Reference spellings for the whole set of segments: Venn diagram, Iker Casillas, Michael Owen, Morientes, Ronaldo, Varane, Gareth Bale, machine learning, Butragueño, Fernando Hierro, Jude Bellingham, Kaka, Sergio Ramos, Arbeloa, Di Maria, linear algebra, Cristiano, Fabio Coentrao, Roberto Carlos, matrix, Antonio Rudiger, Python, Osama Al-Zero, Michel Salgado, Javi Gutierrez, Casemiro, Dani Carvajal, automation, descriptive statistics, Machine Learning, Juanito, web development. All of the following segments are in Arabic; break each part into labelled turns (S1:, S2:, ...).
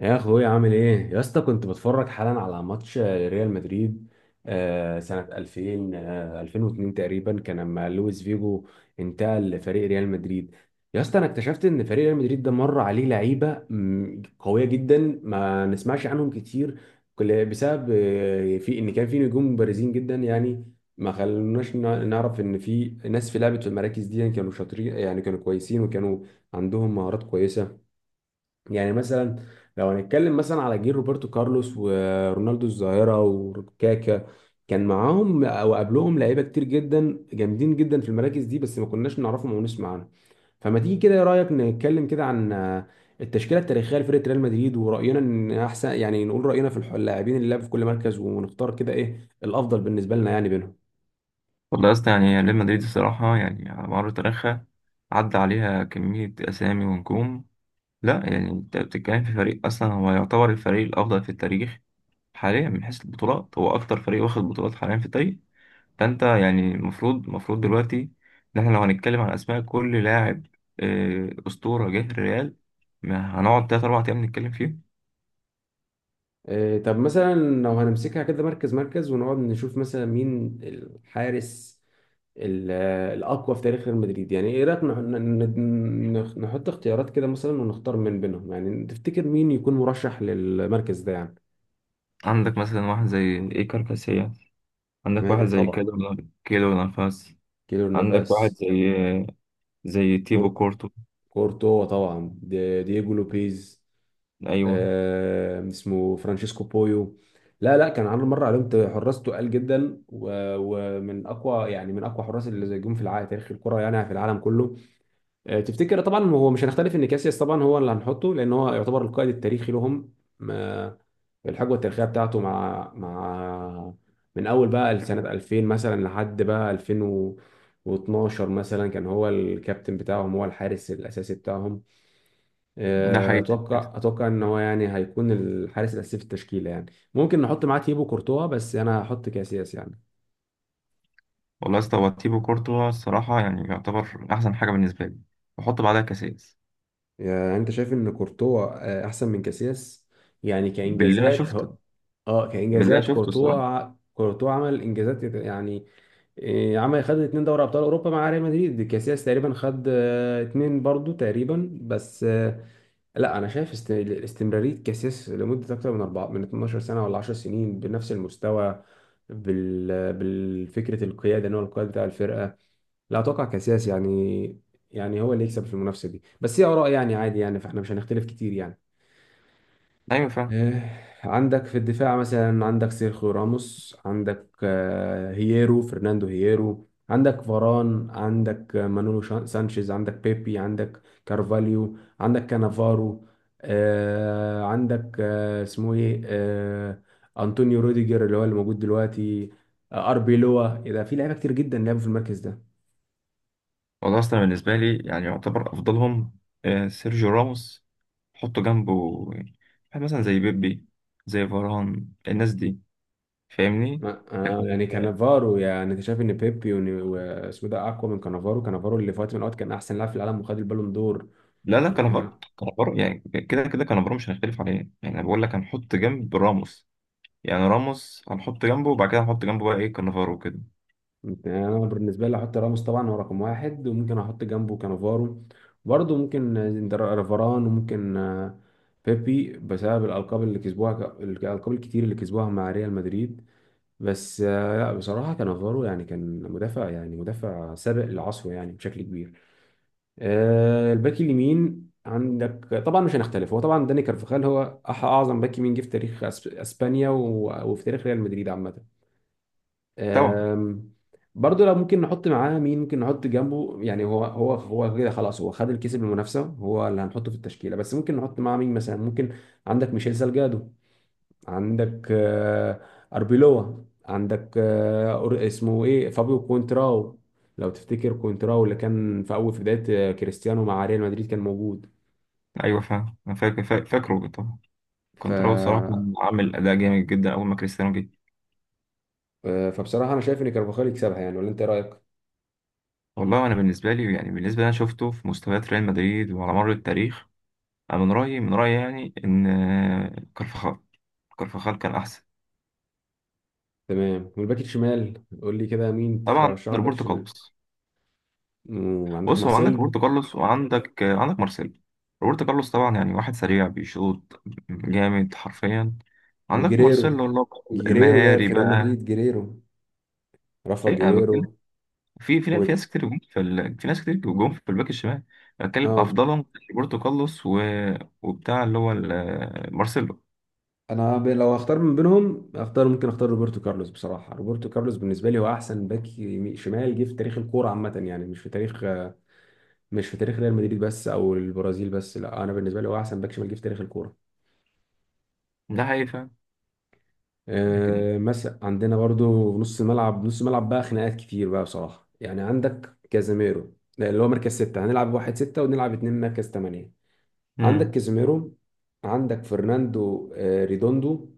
S1: يا اخويا عامل ايه يا اسطى؟ كنت بتفرج حالا على ماتش ريال مدريد. سنة 2000. 2002 تقريبا كان لما لويس فيجو انتقل لفريق ريال مدريد. يا اسطى، انا اكتشفت ان فريق ريال مدريد ده مر عليه لعيبة قوية جدا. ما نسمعش عنهم كتير بسبب في ان كان في نجوم بارزين جدا يعني ما خلوناش نعرف ان في ناس في لعبة في المراكز دي، يعني كانوا شاطرين، يعني كانوا كويسين وكانوا عندهم مهارات كويسة. يعني مثلا لو هنتكلم مثلا على جيل روبرتو كارلوس ورونالدو الظاهرة وكاكا، كان معاهم او قبلهم لعيبه كتير جدا جامدين جدا في المراكز دي بس ما كناش نعرفهم او نسمع عنهم. فما تيجي كده، ايه رايك نتكلم كده عن التشكيله التاريخيه لفرقه ريال مدريد؟ وراينا ان احسن، يعني نقول راينا في اللاعبين اللي لعبوا في كل مركز ونختار كده ايه الافضل بالنسبه لنا يعني بينهم.
S2: والله يا اسطى، يعني ريال مدريد الصراحة يعني على مر تاريخها عدى عليها كمية أسامي ونجوم. لا يعني أنت بتتكلم في فريق أصلا هو يعتبر الفريق الأفضل في التاريخ حاليا. من حيث البطولات هو أكتر فريق واخد بطولات حاليا في التاريخ. فأنت يعني المفروض دلوقتي إن إحنا لو هنتكلم عن أسماء كل لاعب أسطورة جه الريال، ما هنقعد تلات أربع أيام نتكلم فيه.
S1: طب مثلا لو هنمسكها كده مركز مركز ونقعد نشوف مثلا مين الحارس ال- الاقوى في تاريخ ريال مدريد؟ يعني ايه رايك نحط اختيارات كده مثلا ونختار من بينهم؟ يعني تفتكر مين يكون مرشح للمركز ده يعني؟
S2: عندك مثلا واحد زي إيكار كاسياس، عندك واحد زي
S1: طبعا.
S2: كيلو، كيلو نافاس،
S1: كيلور
S2: عندك واحد
S1: نافاس.
S2: زي تيبو
S1: كور...
S2: كورتو.
S1: كورتوا طبعا، دييجو لوبيز.
S2: ايوه،
S1: اسمه فرانشيسكو بويو. لا لا، كان عامل مره عليهم حراس تقال جدا ومن اقوى، يعني من اقوى حراس اللي جم في العالم، تاريخ الكره يعني في العالم كله. تفتكر؟ طبعا هو مش هنختلف ان كاسياس طبعا هو اللي هنحطه، لان هو يعتبر القائد التاريخي لهم. ما- الحقبه التاريخيه بتاعته مع مع من اول بقى سنه 2000 مثلا لحد بقى 2012 مثلا، كان هو الكابتن بتاعهم، هو الحارس الاساسي بتاعهم.
S2: ده حقيقة الناس.
S1: اتوقع ان هو يعني هيكون الحارس الاساسي في التشكيله يعني. ممكن نحط معاه تيبو كورتوا بس انا هحط كاسياس يعني.
S2: والله يا اسطى، هو تيبو كورتو الصراحة يعني يعتبر أحسن حاجة بالنسبة لي. بحط بعدها كاسياس.
S1: يعني انت شايف ان كورتوا احسن من كاسياس، يعني
S2: باللي أنا
S1: كانجازات
S2: شفته،
S1: اه
S2: باللي أنا
S1: كانجازات
S2: شفته
S1: كورتوا
S2: الصراحة.
S1: ع- كورتوا عمل انجازات يعني. عمل، خد اتنين دوري ابطال اوروبا مع ريال مدريد. كاسياس تقريبا خد اتنين برضو تقريبا، بس لا انا شايف استمرارية كاسياس لمدة اكتر من اربعة، من 12 سنة ولا 10 سنين بنفس المستوى، بالفكرة القيادة ان هو القائد بتاع الفرقة. لا، اتوقع كاسياس يعني، يعني هو اللي يكسب في المنافسه دي. بس هي اراء يعني، عادي يعني، فاحنا مش هنختلف كتير يعني.
S2: أيوة فعلا.
S1: آه، عندك في الدفاع مثلا عندك سيرخيو راموس، عندك هييرو، فرناندو هييرو، عندك فاران، عندك مانولو سانشيز، عندك بيبي، عندك كارفاليو، عندك كانافارو. آه، عندك آه، اسمه ايه؟ انطونيو روديجر اللي هو اللي موجود دلوقتي. اربيلوا، إيه ده، في لعيبه كتير جدا لعبوا في المركز ده.
S2: والله أصلا بالنسبة لي يعني يعتبر أفضلهم سيرجيو راموس. حطه جنبه يعني واحد مثلا زي بيبي، زي فاران، الناس دي، فاهمني؟ لكن
S1: يعني كانافارو، يعني انت شايف ان بيبي واسمه ده اقوى من كانافارو؟ كانافارو اللي في وقت من الاوقات كان احسن لاعب في العالم وخد البالون دور.
S2: لا لا،
S1: وكان
S2: كانافارو
S1: أ-
S2: كانافارو يعني كده كده كانافارو مش هنختلف عليه. يعني أنا بقول لك هنحط جنب راموس، يعني راموس هنحط جنبه وبعد كده هنحط جنبه بقى ايه كانافارو وكده.
S1: انا بالنسبه لي احط راموس طبعا، هو رقم واحد، وممكن احط جنبه كانافارو، برضه ممكن رافاران، وممكن بيبي بسبب الالقاب اللي كسبوها، الالقاب الكتير اللي كسبوها مع ريال مدريد. بس لا، بصراحه كانافارو يعني كان مدافع، يعني مدافع سابق لعصره يعني بشكل كبير. الباك اليمين عندك طبعا مش هنختلف، هو طبعا داني كارفخال هو اعظم باك يمين جه في تاريخ اسبانيا وفي تاريخ ريال مدريد عامه.
S2: طبعا.
S1: آم، برضه لو ممكن نحط معاه مين، ممكن نحط جنبه يعني؟ هو كده خلاص، هو خد الكيس بالمنافسه، هو اللي هنحطه في التشكيله، بس ممكن نحط معاه مين مثلا؟ ممكن عندك ميشيل سالجادو، عندك أربيلوا، عندك اسمه إيه، فابيو كونتراو. لو تفتكر كونتراو اللي كان في أول، في بداية كريستيانو مع ريال مدريد كان موجود.
S2: ايوه، فاهم انا فاكر، فاكره طبعا.
S1: ف
S2: كنت راوي صراحه كان عامل اداء جامد جدا اول ما كريستيانو جه.
S1: فبصراحة أنا شايف إن كارفاخال يكسبها، يعني ولا أنت إيه رأيك؟
S2: والله انا بالنسبه لي يعني، بالنسبه اللي انا شفته في مستويات ريال مدريد وعلى مر التاريخ، انا من رايي، من رايي يعني، ان كارفاخال، كارفاخال كان احسن.
S1: تمام. والباك الشمال قول لي كده مين
S2: طبعا
S1: ترشحه الباك
S2: روبرتو
S1: الشمال؟
S2: كارلوس.
S1: وعندك
S2: بص، هو عندك
S1: مارسيلو
S2: روبرتو كارلوس وعندك، عندك مارسيلو. روبرتو كارلوس طبعا يعني واحد سريع بيشوط جامد حرفيا. عندك مارسيلو
S1: وجيريرو.
S2: اللي هو
S1: جيريرو لعب
S2: المهاري
S1: في ريال
S2: بقى.
S1: مدريد. جيريرو، رافا
S2: اي انا بتكلم،
S1: جيريرو
S2: في في
S1: و...
S2: في ناس كتير جم في ناس كتير جم في الباك الشمال. أنا بتكلم
S1: اه
S2: افضلهم، روبرتو كارلوس و... وبتاع اللي هو مارسيلو.
S1: انا لو اختار من بينهم اختار، ممكن اختار روبرتو كارلوس بصراحه. روبرتو كارلوس بالنسبه لي هو احسن باك شمال جه في تاريخ الكوره عامه، يعني مش في تاريخ ريال مدريد بس او البرازيل بس، لا، انا بالنسبه لي هو احسن باك شمال جه في تاريخ الكوره.
S2: ده حقيقي فعلا. لكن
S1: أه مثلا عندنا برضو نص الملعب. نص الملعب بقى خناقات كتير بقى بصراحه يعني. عندك كازاميرو، ده اللي هو مركز ستة، هنلعب واحد ستة ونلعب اتنين مركز تمانية. عندك
S2: امم
S1: كازيميرو، عندك فرناندو ريدوندو،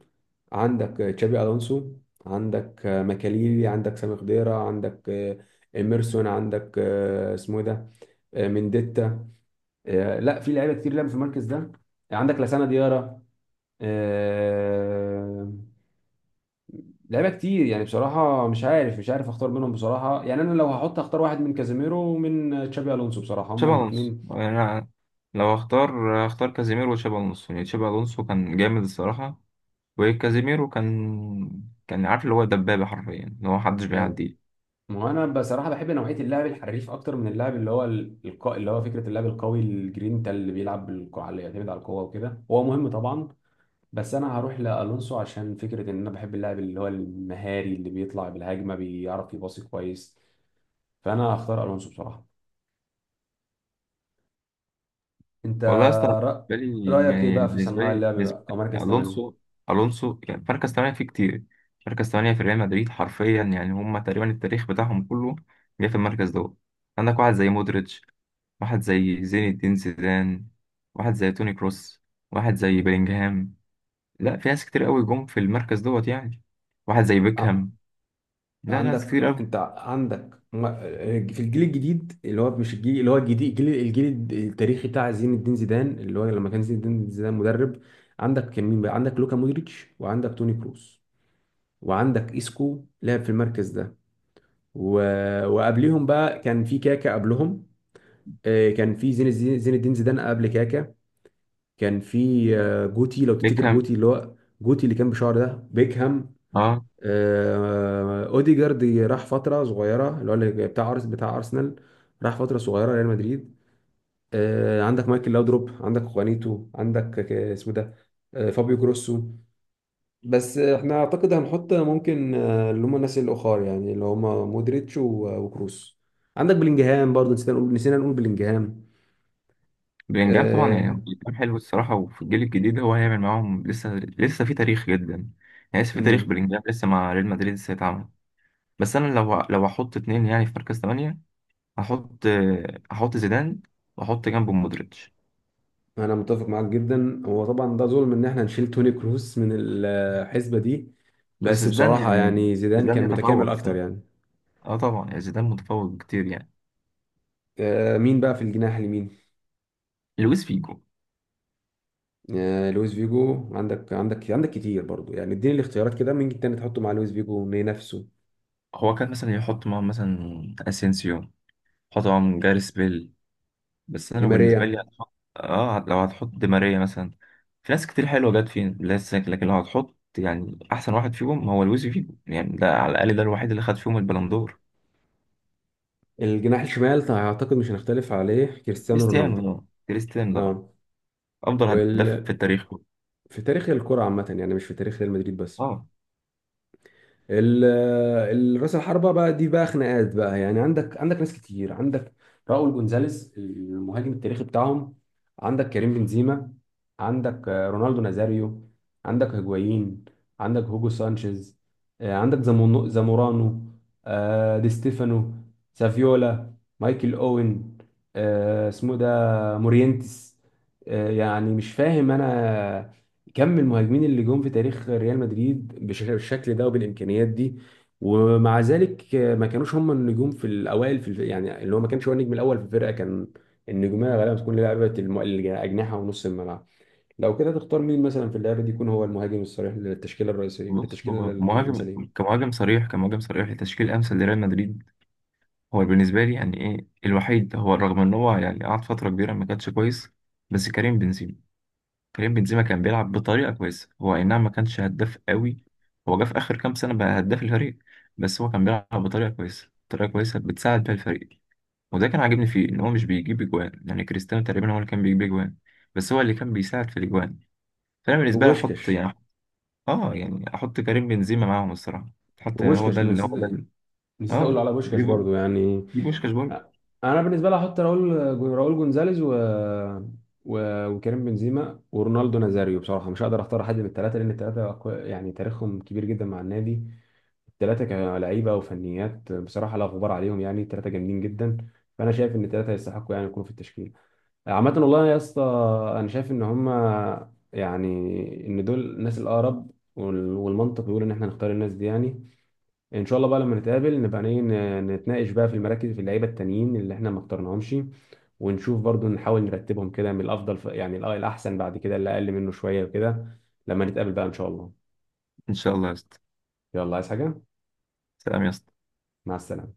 S1: عندك تشابي الونسو، عندك ماكاليلي، عندك سامي خضيرة، عندك ايميرسون، عندك اسمه إيه ده؟ منديتا. لا، في لعيبه كتير لعبوا في المركز ده. عندك لسانا ديارra. آه، لعيبه كتير يعني. بصراحه مش عارف، مش عارف اختار منهم بصراحه، يعني انا لو هحط اختار واحد من كازيميرو ومن تشابي الونسو بصراحه. هما
S2: تشابي الونسو،
S1: الاثنين،
S2: انا لو اختار اختار كازيميرو وتشابي الونسو. يعني تشابي الونسو كان جامد الصراحه، وكازيميرو كان، كان عارف اللي هو دبابه حرفيا، اللي هو محدش بيعديه.
S1: ما هو انا بصراحه بحب نوعيه اللعب الحريف اكتر من اللعب اللي هو اللي هو فكره اللعب القوي الجرينتا، اللي بيلعب بالقوه، اللي يعتمد على القوه وكده. هو مهم طبعا، بس انا هروح لالونسو عشان فكره ان انا بحب اللاعب اللي هو المهاري، اللي بيطلع بالهجمه، بيعرف يباصي كويس. فانا هختار الونسو بصراحه. انت
S2: والله يا اسطى، أنا
S1: رأ...
S2: بالنسبه لي
S1: رايك ايه
S2: يعني،
S1: بقى في
S2: بالنسبه
S1: صناع
S2: لي
S1: اللعب
S2: بالنسبه
S1: بقى؟ او
S2: لي
S1: مركز 8؟
S2: الونسو. الونسو يعني مركز ثمانيه فيه كتير. مركز ثمانيه في ريال مدريد حرفيا يعني هم تقريبا التاريخ بتاعهم كله جه في المركز دوت. عندك واحد زي مودريتش، واحد زي زين الدين زيدان، واحد زي توني كروس، واحد زي بيلينجهام. لا في ناس كتير قوي جم في المركز دوت يعني. واحد زي بيكهام. لا لا، ناس كتير
S1: عندك
S2: قوي.
S1: انت، عندك في الجيل الجديد اللي هو مش الجيل اللي هو الجديد، الجيل التاريخي بتاع زين الدين زيدان، اللي هو لما كان زين الدين زيدان مدرب. عندك كان مين بقى؟ عندك لوكا مودريتش وعندك توني كروس وعندك اسكو لعب في المركز ده و... وقبليهم بقى كان في كاكا قبلهم. كان في زين الدين، زيدان قبل كاكا. كان في جوتي، لو تفتكر
S2: بيكهام.
S1: جوتي اللي هو، جوتي اللي كان بشعر ده، بيكهام.
S2: اه.
S1: اوديجارد راح فتره صغيره، اللي هو اللي بتاع بتاع ارسنال، راح فتره صغيره ريال مدريد. عندك مايكل لاودروب، عندك خوانيتو، عندك اسمه ده فابيو كروسو. بس احنا اعتقد هنحط ممكن اللي هم الناس الاخر يعني، اللي هم مودريتش وكروس. عندك بلينجهام برضه. نسينا نقول، بلينجهام.
S2: بلينجهام طبعا، يعني
S1: آه،
S2: بلينجهام حلو الصراحة، وفي الجيل الجديد هو هيعمل معاهم لسه، لسه في تاريخ جدا. يعني لسه في تاريخ،
S1: مم.
S2: بلينجهام لسه مع ريال مدريد لسه هيتعمل. بس أنا لو هحط اتنين يعني في مركز تمانية، هحط هحط زيدان وأحط جنبه مودريتش.
S1: انا متفق معاك جدا. هو طبعا ده ظلم ان احنا نشيل توني كروس من الحسبة دي،
S2: بس
S1: بس
S2: زيدان
S1: بصراحة
S2: يعني،
S1: يعني زيدان
S2: زيدان
S1: كان متكامل
S2: يتفوق
S1: اكتر
S2: الصراحة.
S1: يعني.
S2: اه طبعا، يعني زيدان متفوق كتير يعني.
S1: مين بقى في الجناح اليمين؟
S2: لويس فيجو.
S1: لويس فيجو. عندك كتير برضو يعني، اديني الاختيارات كده، مين تاني تحطه مع لويس فيجو، مين نفسه؟
S2: هو كان مثلا يحط معاهم مثلا اسينسيو، يحط معاهم جاريس بيل. بس
S1: دي
S2: انا بالنسبه لي
S1: ماريا.
S2: هتحط اه، لو هتحط دي ماريا مثلا، في ناس كتير حلوه جت في لسه. لكن لو هتحط يعني احسن واحد فيهم هو لويس فيجو، يعني ده على الاقل ده الوحيد اللي خد فيهم البلندور.
S1: الجناح الشمال اعتقد مش هنختلف عليه، كريستيانو
S2: كريستيانو
S1: رونالدو.
S2: ده، كريستيانو ده
S1: اه
S2: افضل هداف في
S1: وال...
S2: التاريخ كله.
S1: في تاريخ الكرة عامة يعني، مش في تاريخ ريال مدريد بس.
S2: اه.
S1: ال- راس الحربة بقى، دي بقى خناقات بقى يعني. عندك ناس كتير. عندك راؤول جونزاليس، المهاجم التاريخي بتاعهم. عندك كريم بنزيما. عندك رونالدو نازاريو. عندك هيجوايين. عندك هوجو سانشيز. عندك زامورانو. دي ستيفانو. سافيولا. مايكل اوين. اسمه ده مورينتس. يعني مش فاهم انا كم المهاجمين اللي جم في تاريخ ريال مدريد بالشكل ده وبالامكانيات دي. ومع ذلك ما كانوش هم النجوم في الاوائل يعني، اللي هو ما كانش هو النجم الاول في الفرقه. كان النجوميه غالبا بتكون لعيبه الاجنحه ونص الملعب. لو كده تختار مين مثلا في اللعبه دي يكون هو المهاجم الصريح للتشكيله الرئيسيه،
S2: بص
S1: للتشكيله
S2: هو مهاجم،
S1: المثاليه؟
S2: كمهاجم صريح، كمهاجم صريح لتشكيل امثل لريال مدريد، هو بالنسبه لي يعني ايه الوحيد، هو رغم ان هو يعني قعد فتره كبيره ما كانش كويس، بس كريم بنزيما، كريم بنزيما كان بيلعب بطريقة كويسة. هو أي نعم ما كانش هداف قوي، هو جه في آخر كام سنة بقى هداف الفريق. بس هو كان بيلعب بطريقة كويسة، طريقة كويسة بتساعد بيها الفريق. وده كان عاجبني فيه إن هو مش بيجيب أجوان، يعني كريستيانو تقريبا هو اللي كان بيجيب أجوان، بس هو اللي كان بيساعد في الأجوان. فأنا بالنسبة لي أحط
S1: وبوشكش
S2: يعني، يعني أحط كريم بنزيما معاهم الصراحة. حتى هو
S1: وبوشكش
S2: ده
S1: أنا
S2: اللي، هو ده
S1: نسيت،
S2: اللي،
S1: نسيت اقول
S2: آه،
S1: على بوشكش برضو يعني.
S2: بيجيبوا بوشكاش برضه.
S1: انا بالنسبه لي هحط راؤول، راؤول جونزاليز وكريم بنزيما ورونالدو نازاريو. بصراحه مش هقدر اختار حد من الثلاثه لان الثلاثه يعني تاريخهم كبير جدا مع النادي. الثلاثه كلعيبه وفنيات بصراحه لا غبار عليهم، يعني الثلاثه جامدين جدا. فانا شايف ان الثلاثه يستحقوا يعني يكونوا في التشكيل عامه. والله يا اسطى، انا شايف ان هم، يعني، ان دول الناس الاقرب، والمنطق بيقول ان احنا نختار الناس دي يعني. ان شاء الله بقى لما نتقابل نبقى نتناقش بقى في المراكز، في اللعيبه التانيين اللي احنا ما اخترناهمش، ونشوف برضو، نحاول نرتبهم كده من الافضل يعني الاحسن، بعد كده اللي اقل منه شويه وكده. لما نتقابل بقى ان شاء الله.
S2: إن شاء الله يا اسطى.
S1: يلا، عايز حاجه؟
S2: سلام يا اسطى.
S1: مع السلامه.